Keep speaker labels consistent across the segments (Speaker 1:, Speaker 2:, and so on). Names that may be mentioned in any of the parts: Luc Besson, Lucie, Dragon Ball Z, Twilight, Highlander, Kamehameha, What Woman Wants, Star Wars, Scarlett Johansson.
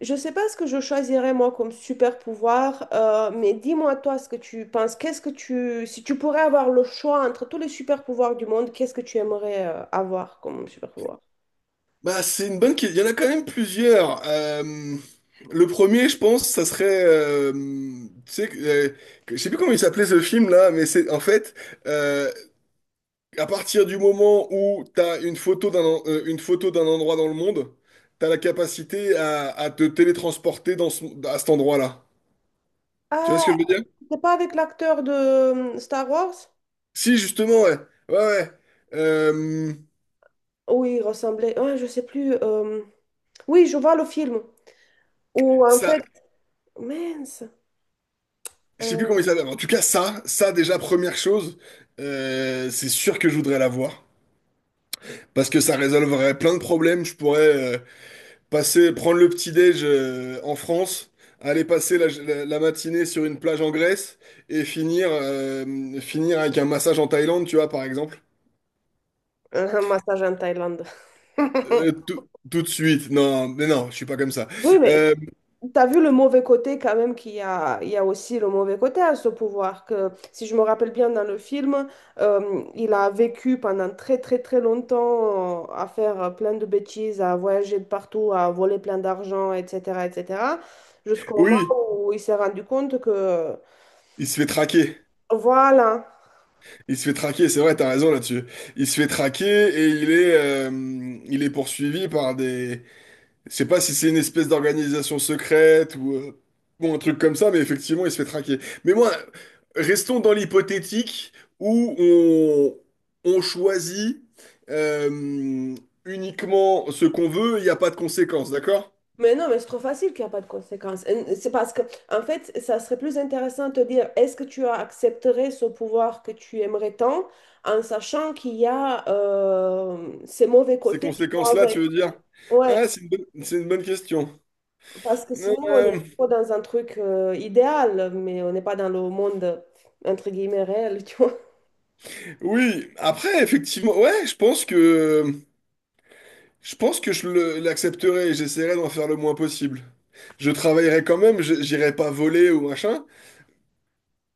Speaker 1: Je sais pas ce que je choisirais moi comme super pouvoir, mais dis-moi toi ce que tu penses. Si tu pourrais avoir le choix entre tous les super pouvoirs du monde, qu'est-ce que tu aimerais avoir comme super pouvoir?
Speaker 2: Bah, c'est une bonne question. Il y en a quand même plusieurs. Le premier, je pense, ça serait, tu sais, je sais plus comment il s'appelait ce film là, mais c'est en fait, euh, à partir du moment où t'as une photo une photo d'un endroit dans le monde, t'as la capacité à te télétransporter à cet endroit-là. Tu vois
Speaker 1: Ah,
Speaker 2: ce que je veux dire?
Speaker 1: c'est pas avec l'acteur de Star Wars?
Speaker 2: Si, justement, ouais, ouais, ouais. Euh,
Speaker 1: Oui, il ressemblait. Ah, je sais plus. Oui, je vois le film. Ou en
Speaker 2: ça,
Speaker 1: fait, mince,
Speaker 2: je sais plus
Speaker 1: euh,
Speaker 2: comment il s'appelle. En tout cas, ça déjà première chose, c'est sûr que je voudrais l'avoir. Parce que ça résolverait plein de problèmes. Je pourrais passer, prendre le petit-déj en France, aller passer la matinée sur une plage en Grèce et finir, finir avec un massage en Thaïlande, tu vois, par exemple.
Speaker 1: un massage en Thaïlande.
Speaker 2: Euh, tout, tout de suite. Non, mais non, je suis pas comme ça.
Speaker 1: Oui, mais
Speaker 2: Euh,
Speaker 1: t'as vu le mauvais côté quand même qu'il y a aussi le mauvais côté à ce pouvoir, que si je me rappelle bien dans le film, il a vécu pendant très très très longtemps à faire plein de bêtises, à voyager de partout, à voler plein d'argent, etc., etc., jusqu'au moment
Speaker 2: oui,
Speaker 1: où il s'est rendu compte que,
Speaker 2: il se fait traquer.
Speaker 1: voilà.
Speaker 2: Il se fait traquer, c'est vrai, t'as raison là-dessus. Il se fait traquer et il est poursuivi par des, je sais pas si c'est une espèce d'organisation secrète ou un truc comme ça, mais effectivement, il se fait traquer. Mais moi, restons dans l'hypothétique où on choisit euh, uniquement ce qu'on veut, il n'y a pas de conséquences, d'accord?
Speaker 1: Mais non, mais c'est trop facile qu'il n'y a pas de conséquences. Et c'est parce que, en fait, ça serait plus intéressant de te dire, est-ce que tu accepterais ce pouvoir que tu aimerais tant, en sachant qu'il y a ces mauvais
Speaker 2: Ces
Speaker 1: côtés qui vont
Speaker 2: conséquences-là, tu
Speaker 1: avec.
Speaker 2: veux dire?
Speaker 1: Ouais,
Speaker 2: Ah, c'est une bonne question.
Speaker 1: parce que sinon, on
Speaker 2: Euh,
Speaker 1: est trop dans un truc idéal, mais on n'est pas dans le monde, entre guillemets, réel, tu vois.
Speaker 2: oui, après, effectivement, ouais, je pense que… Je pense que l'accepterai et j'essaierai d'en faire le moins possible. Je travaillerai quand même, j'irai pas voler ou machin,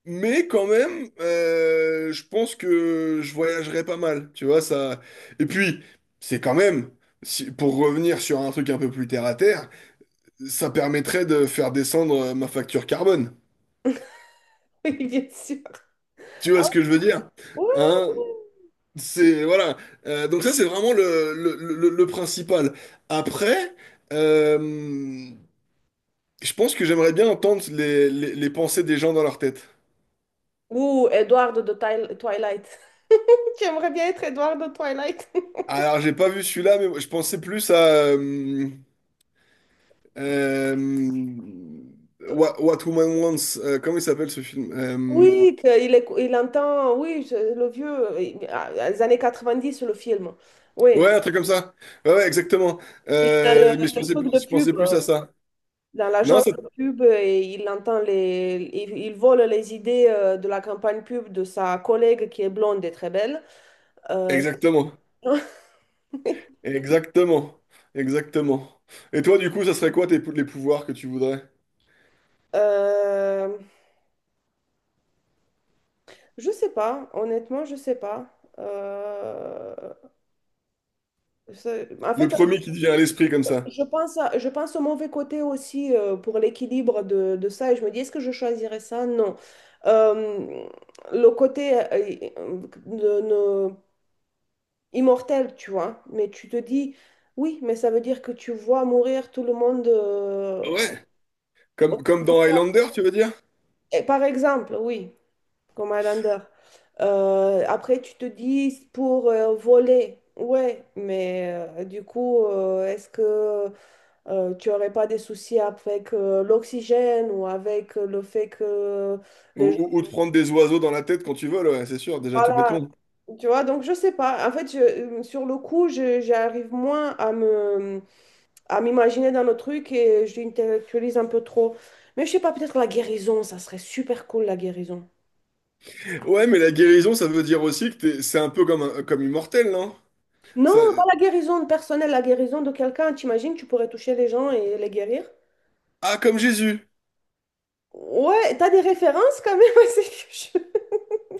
Speaker 2: mais quand même, je pense que je voyagerai pas mal, tu vois, ça. Et puis, c'est quand même, pour revenir sur un truc un peu plus terre à terre, ça permettrait de faire descendre ma facture carbone.
Speaker 1: Oui, bien sûr.
Speaker 2: Tu vois ce que je veux dire?
Speaker 1: Ouais.
Speaker 2: Hein? C'est, voilà. Donc ça, c'est vraiment le principal. Après, euh, je pense que j'aimerais bien entendre les pensées des gens dans leur tête.
Speaker 1: Ou Edward de Twilight. Tu aimerais bien être Edward de Twilight.
Speaker 2: Alors, j'ai pas vu celui-là, mais je pensais plus à euh, euh, What, What Woman Wants. Comment il s'appelle ce film?
Speaker 1: Oui, il entend, oui, le vieux, ah, les années 90, le film. Oui,
Speaker 2: Ouais, un truc comme ça. Ouais, ouais, exactement.
Speaker 1: il a le truc de
Speaker 2: Je
Speaker 1: pub,
Speaker 2: pensais plus à ça.
Speaker 1: dans
Speaker 2: Non,
Speaker 1: l'agence
Speaker 2: c'est…
Speaker 1: de pub, et il entend il vole les idées de la campagne pub de sa collègue qui est blonde et très belle. Euh,
Speaker 2: Exactement. Exactement. Exactement. Et toi, du coup, ça serait quoi les pouvoirs que tu voudrais?
Speaker 1: euh, je sais pas, honnêtement, je sais pas. Euh, en
Speaker 2: Le
Speaker 1: fait,
Speaker 2: premier qui te vient à l'esprit comme ça.
Speaker 1: Je pense au mauvais côté aussi pour l'équilibre de ça et je me dis, est-ce que je choisirais ça? Non. Euh, le côté euh, de- de- immortel, tu vois, mais tu te dis, oui, mais ça veut dire que tu vois mourir tout le monde.
Speaker 2: Ouais. Comme,
Speaker 1: Autour
Speaker 2: comme
Speaker 1: de-
Speaker 2: dans Highlander, tu veux dire?
Speaker 1: Et par exemple, oui, comme Highlander. Après, tu te dis, pour voler, ouais, mais du coup, est-ce que... Tu n'aurais pas des soucis avec l'oxygène ou avec le fait que les gens...
Speaker 2: Ou de prendre des oiseaux dans la tête quand tu veux ouais, c'est sûr, déjà tout bêtement.
Speaker 1: Voilà, tu vois, donc je sais pas. En fait, sur le coup, j'arrive moins à à m'imaginer dans le truc et je l'intellectualise un peu trop. Mais je sais pas, peut-être la guérison, ça serait super cool, la guérison.
Speaker 2: Ouais, mais la guérison, ça veut dire aussi que c'est un peu comme, comme immortel, non?
Speaker 1: Non,
Speaker 2: Ça…
Speaker 1: pas la guérison personnelle, la guérison de quelqu'un. T'imagines, tu pourrais toucher les gens et les guérir?
Speaker 2: Ah, comme Jésus.
Speaker 1: Ouais, t'as des références quand même. c'est que je-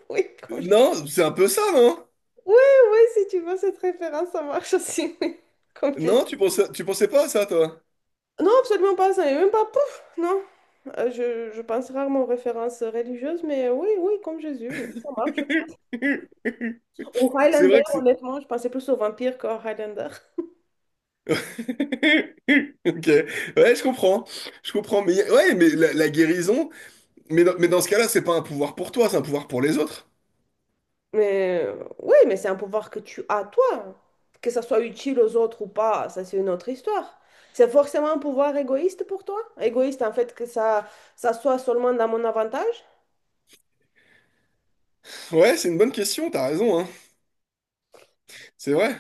Speaker 1: Oui, comme
Speaker 2: Non, c'est un peu ça, non?
Speaker 1: Ouais, ouais, si tu veux cette référence, ça marche aussi, oui.
Speaker 2: Non,
Speaker 1: Complètement.
Speaker 2: tu pensais pas à ça, toi?
Speaker 1: Non, absolument pas, ça n'est même pas pouf, non. Je pense rarement aux références religieuses, mais oui, oui, comme Jésus, oui, ça marche aussi. Ou
Speaker 2: C'est
Speaker 1: Highlander,
Speaker 2: vrai que c'est…
Speaker 1: honnêtement, je pensais plus aux vampires qu'aux Highlander.
Speaker 2: Ok, ouais, je comprends, mais ouais, mais la guérison, mais dans ce cas-là, c'est pas un pouvoir pour toi, c'est un pouvoir pour les autres.
Speaker 1: Mais oui, mais c'est un pouvoir que tu as, toi. Que ça soit utile aux autres ou pas, ça c'est une autre histoire. C'est forcément un pouvoir égoïste pour toi? Égoïste, en fait, que ça soit seulement dans mon avantage?
Speaker 2: Ouais, c'est une bonne question, t'as raison, hein. C'est vrai,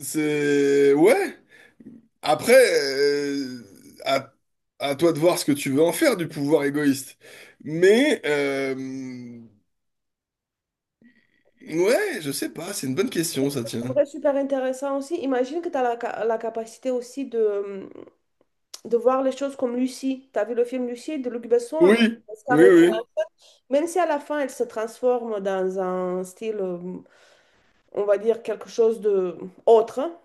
Speaker 2: c'est ouais. Après, à, à toi de voir ce que tu veux en faire du pouvoir égoïste. Mais, ouais, je sais pas, c'est une bonne
Speaker 1: Je
Speaker 2: question, ça tient.
Speaker 1: trouverais super intéressant aussi. Imagine que tu as la capacité aussi de voir les choses comme Lucie. Tu as vu le film Lucie de Luc Besson
Speaker 2: Oui,
Speaker 1: avec
Speaker 2: oui,
Speaker 1: Scarlett Johansson.
Speaker 2: oui,
Speaker 1: Même si à la fin, elle se transforme dans un style, on va dire, quelque chose de autre, hein,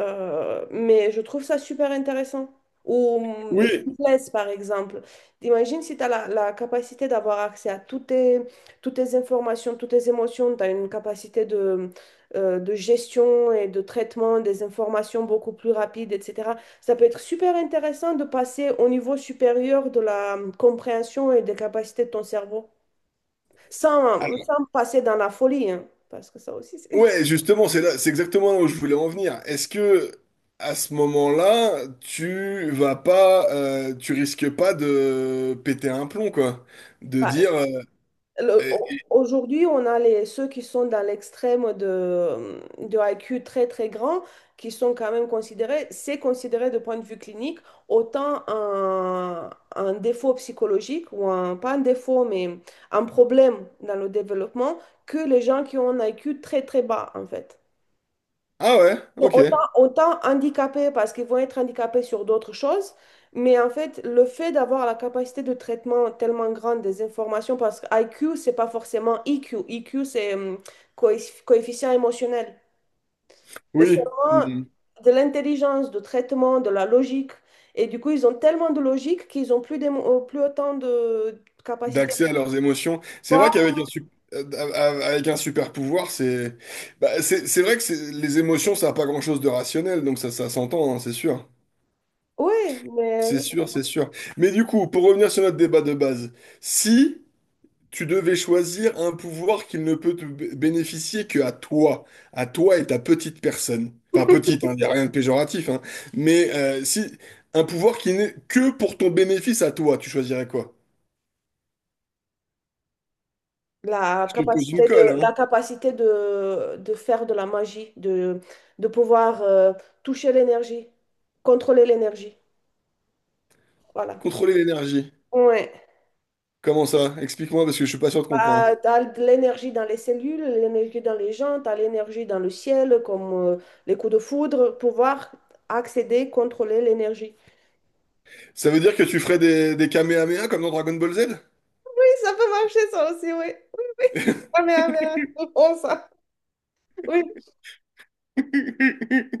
Speaker 1: mais je trouve ça super intéressant. Ou les
Speaker 2: oui.
Speaker 1: templates, par exemple. Imagine si tu as la capacité d'avoir accès à toutes tes informations, toutes tes émotions, tu as une capacité de gestion et de traitement des informations beaucoup plus rapide, etc. Ça peut être super intéressant de passer au niveau supérieur de la compréhension et des capacités de ton cerveau,
Speaker 2: Ah,
Speaker 1: sans passer dans la folie, hein, parce que ça aussi, c'est...
Speaker 2: ouais, justement, c'est là, c'est exactement là où je voulais en venir. Est-ce que, à ce moment-là, tu vas pas, tu risques pas de péter un plomb, quoi? De dire, eh, eh,
Speaker 1: Aujourd'hui, on a ceux qui sont dans l'extrême de I Q très très grand, qui sont quand même considérés, c'est considéré de point de vue clinique autant un défaut psychologique ou pas un défaut, mais un problème dans le développement que les gens qui ont un I Q très très bas en fait.
Speaker 2: ah ouais, ok,
Speaker 1: Autant handicapés parce qu'ils vont être handicapés sur d'autres choses, mais en fait, le fait d'avoir la capacité de traitement tellement grande des informations, parce que IQ, c'est pas forcément IQ. IQ, c'est coefficient émotionnel. C'est
Speaker 2: oui.
Speaker 1: seulement
Speaker 2: Hmm.
Speaker 1: de l'intelligence, de traitement, de la logique. Et du coup, ils ont tellement de logique qu'ils ont plus autant de capacité de
Speaker 2: D'accès à leurs émotions. C'est vrai qu'avec
Speaker 1: voir.
Speaker 2: un, avec un super pouvoir, c'est bah, c'est vrai les émotions, ça n'a pas grand-chose de rationnel, donc ça s'entend, hein, c'est sûr.
Speaker 1: Oui,
Speaker 2: C'est
Speaker 1: mais
Speaker 2: sûr, c'est sûr. Mais du coup, pour revenir sur notre débat de base, si tu devais choisir un pouvoir qui ne peut bénéficier que à toi et ta petite personne, enfin petite, il n'y a rien de péjoratif, hein, mais si un pouvoir qui n'est que pour ton bénéfice à toi, tu choisirais quoi?
Speaker 1: La
Speaker 2: Je te pose une
Speaker 1: capacité
Speaker 2: colle,
Speaker 1: de,
Speaker 2: hein.
Speaker 1: la capacité de, de faire de la magie, de pouvoir toucher l'énergie, contrôler l'énergie. Voilà.
Speaker 2: Contrôler l'énergie.
Speaker 1: Ouais.
Speaker 2: Comment ça? Explique-moi parce que je suis pas sûr de comprendre.
Speaker 1: Bah, t'as de l'énergie dans les cellules, l'énergie dans les gens, t'as l'énergie dans le ciel, comme les coups de foudre, pouvoir accéder, contrôler l'énergie.
Speaker 2: Ça veut dire que tu ferais des Kamehameha comme dans Dragon Ball Z?
Speaker 1: Oui, ça peut marcher ça aussi, oui. Oui, oui. Kamehameha, c'est bon ça. Oui,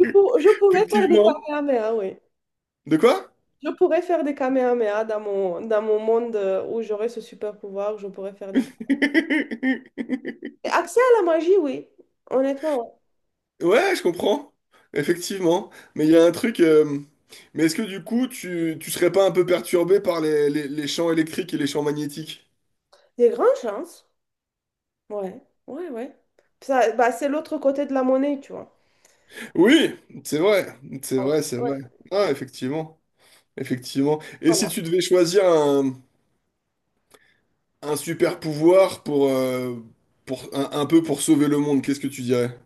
Speaker 1: je pourrais faire des
Speaker 2: Effectivement.
Speaker 1: kamehameha, oui.
Speaker 2: De quoi?
Speaker 1: Je pourrais faire des kamehameha dans mon monde où j'aurais ce super pouvoir, je pourrais faire des kamehameha. Accès à la magie, oui. Honnêtement, ouais.
Speaker 2: Ouais, je comprends. Effectivement. Mais il y a un truc. Mais est-ce que du coup, tu serais pas un peu perturbé par les champs électriques et les champs magnétiques?
Speaker 1: Des grandes chances. Ouais, ouais, ouais. Ça, bah, c'est l'autre côté de la monnaie, tu vois.
Speaker 2: Oui, c'est vrai. C'est
Speaker 1: Ah, ouais,
Speaker 2: vrai, c'est
Speaker 1: ouais,
Speaker 2: vrai. Ah, effectivement. Effectivement. Et si
Speaker 1: voilà.
Speaker 2: tu devais choisir un super pouvoir pour un peu pour sauver le monde, qu'est-ce que tu dirais?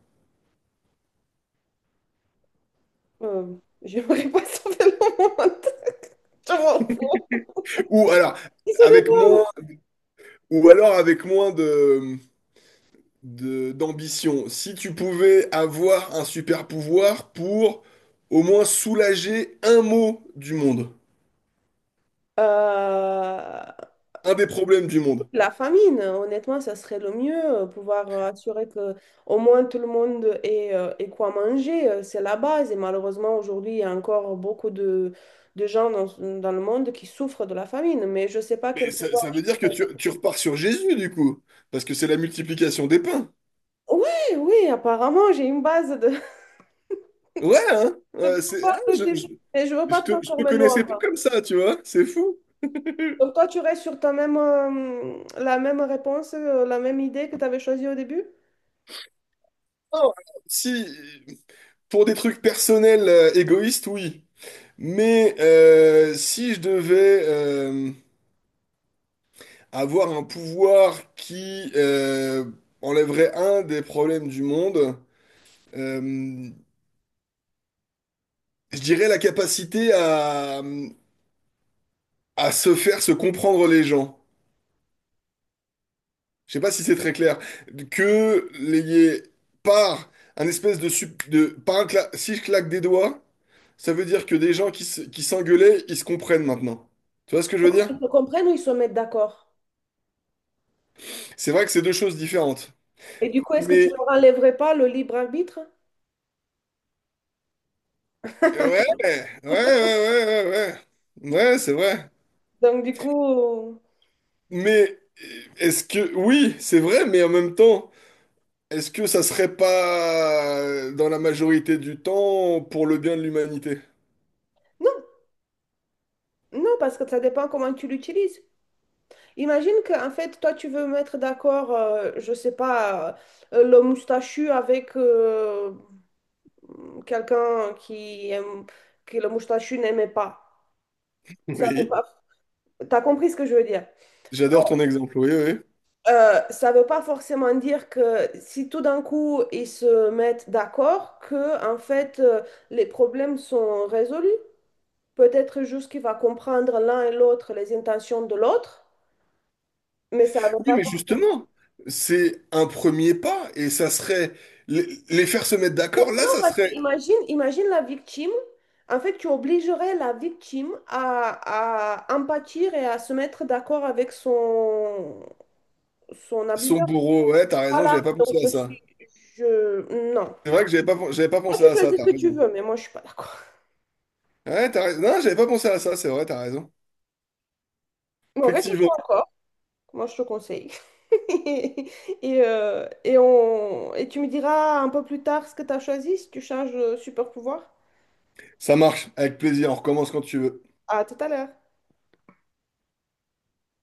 Speaker 1: Euh, j'aimerais pas sauver le monde. Je m'en fous.
Speaker 2: Ou alors,
Speaker 1: Ils se
Speaker 2: avec moins,
Speaker 1: démerdent.
Speaker 2: ou alors avec moins de, d'ambition. Si tu pouvais avoir un super pouvoir pour au moins soulager un mot du monde,
Speaker 1: Euh,
Speaker 2: un des problèmes du monde.
Speaker 1: La famine, honnêtement, ça serait le mieux, pouvoir assurer que au moins tout le monde ait quoi manger, c'est la base. Et malheureusement, aujourd'hui, il y a encore beaucoup de gens dans le monde qui souffrent de la famine, mais je ne sais pas
Speaker 2: Mais
Speaker 1: quel
Speaker 2: ça,
Speaker 1: pouvoir.
Speaker 2: ça veut dire que tu repars sur Jésus, du coup, parce que c'est la multiplication des pains.
Speaker 1: Oui, oui, apparemment, j'ai une base
Speaker 2: Ouais, hein?
Speaker 1: de
Speaker 2: Ouais, c'est, ah,
Speaker 1: pouvoir de Jésus, mais je ne veux pas
Speaker 2: je te
Speaker 1: transformer
Speaker 2: connaissais pas
Speaker 1: l'ombre.
Speaker 2: comme ça, tu vois, c'est fou.
Speaker 1: Donc toi, tu restes sur la même réponse, la même idée que tu avais choisie au début?
Speaker 2: Non, si, pour des trucs personnels, égoïstes, oui. Mais si je devais avoir un pouvoir qui enlèverait un des problèmes du monde, euh, je dirais la capacité à se faire se comprendre les gens. Je sais pas si c'est très clair. Que les, par un espèce de, par si je claque des doigts, ça veut dire que des gens qui s'engueulaient, ils se comprennent maintenant. Tu vois ce que je veux dire?
Speaker 1: Ils se comprennent ou ils se mettent d'accord?
Speaker 2: C'est vrai que c'est deux choses différentes.
Speaker 1: Et du coup, est-ce que tu
Speaker 2: Mais
Speaker 1: leur enlèverais pas le libre arbitre?
Speaker 2: ouais, ouais, ouais, ouais, ouais, ouais, ouais, c'est vrai.
Speaker 1: Donc, du coup,
Speaker 2: Mais est-ce que, oui, c'est vrai, mais en même temps, est-ce que ça serait pas dans la majorité du temps pour le bien de l'humanité?
Speaker 1: non, non, parce que ça dépend comment tu l'utilises. Imagine que, en fait, toi, tu veux mettre d'accord, je sais pas, le moustachu avec quelqu'un que le moustachu n'aimait pas. Ça veut
Speaker 2: Oui,
Speaker 1: pas... T'as compris ce que je veux dire?
Speaker 2: j'adore ton exemple, oui, oui. Oui,
Speaker 1: Ça veut pas forcément dire que si tout d'un coup ils se mettent d'accord, que en fait les problèmes sont résolus. Peut-être juste qu'il va comprendre l'un et l'autre les intentions de l'autre. Mais ça va
Speaker 2: oui,
Speaker 1: pas
Speaker 2: mais
Speaker 1: forcément.
Speaker 2: justement, c'est un premier pas et ça serait les faire se mettre
Speaker 1: Oui,
Speaker 2: d'accord. Là,
Speaker 1: Non,
Speaker 2: ça
Speaker 1: parce que
Speaker 2: serait
Speaker 1: imagine la victime. En fait, tu obligerais la victime à empâtir et à se mettre d'accord avec son
Speaker 2: son
Speaker 1: abuseur.
Speaker 2: bourreau. Ouais, t'as raison, j'avais
Speaker 1: Voilà,
Speaker 2: pas
Speaker 1: donc
Speaker 2: pensé à
Speaker 1: je
Speaker 2: ça.
Speaker 1: suis... Je... Non.
Speaker 2: C'est vrai que j'avais pas
Speaker 1: Toi,
Speaker 2: pensé
Speaker 1: tu
Speaker 2: à ça,
Speaker 1: choisis ce
Speaker 2: t'as
Speaker 1: que tu
Speaker 2: raison.
Speaker 1: veux, mais moi, je suis pas d'accord.
Speaker 2: Ouais, t'as raison. Non, j'avais pas pensé à ça, c'est vrai, t'as raison.
Speaker 1: Bon, réfléchis
Speaker 2: Effectivement.
Speaker 1: encore. Moi, je te conseille. Et tu me diras un peu plus tard ce que tu as choisi, si tu changes de super pouvoir.
Speaker 2: Ça marche, avec plaisir. On recommence quand tu veux.
Speaker 1: À tout à l'heure.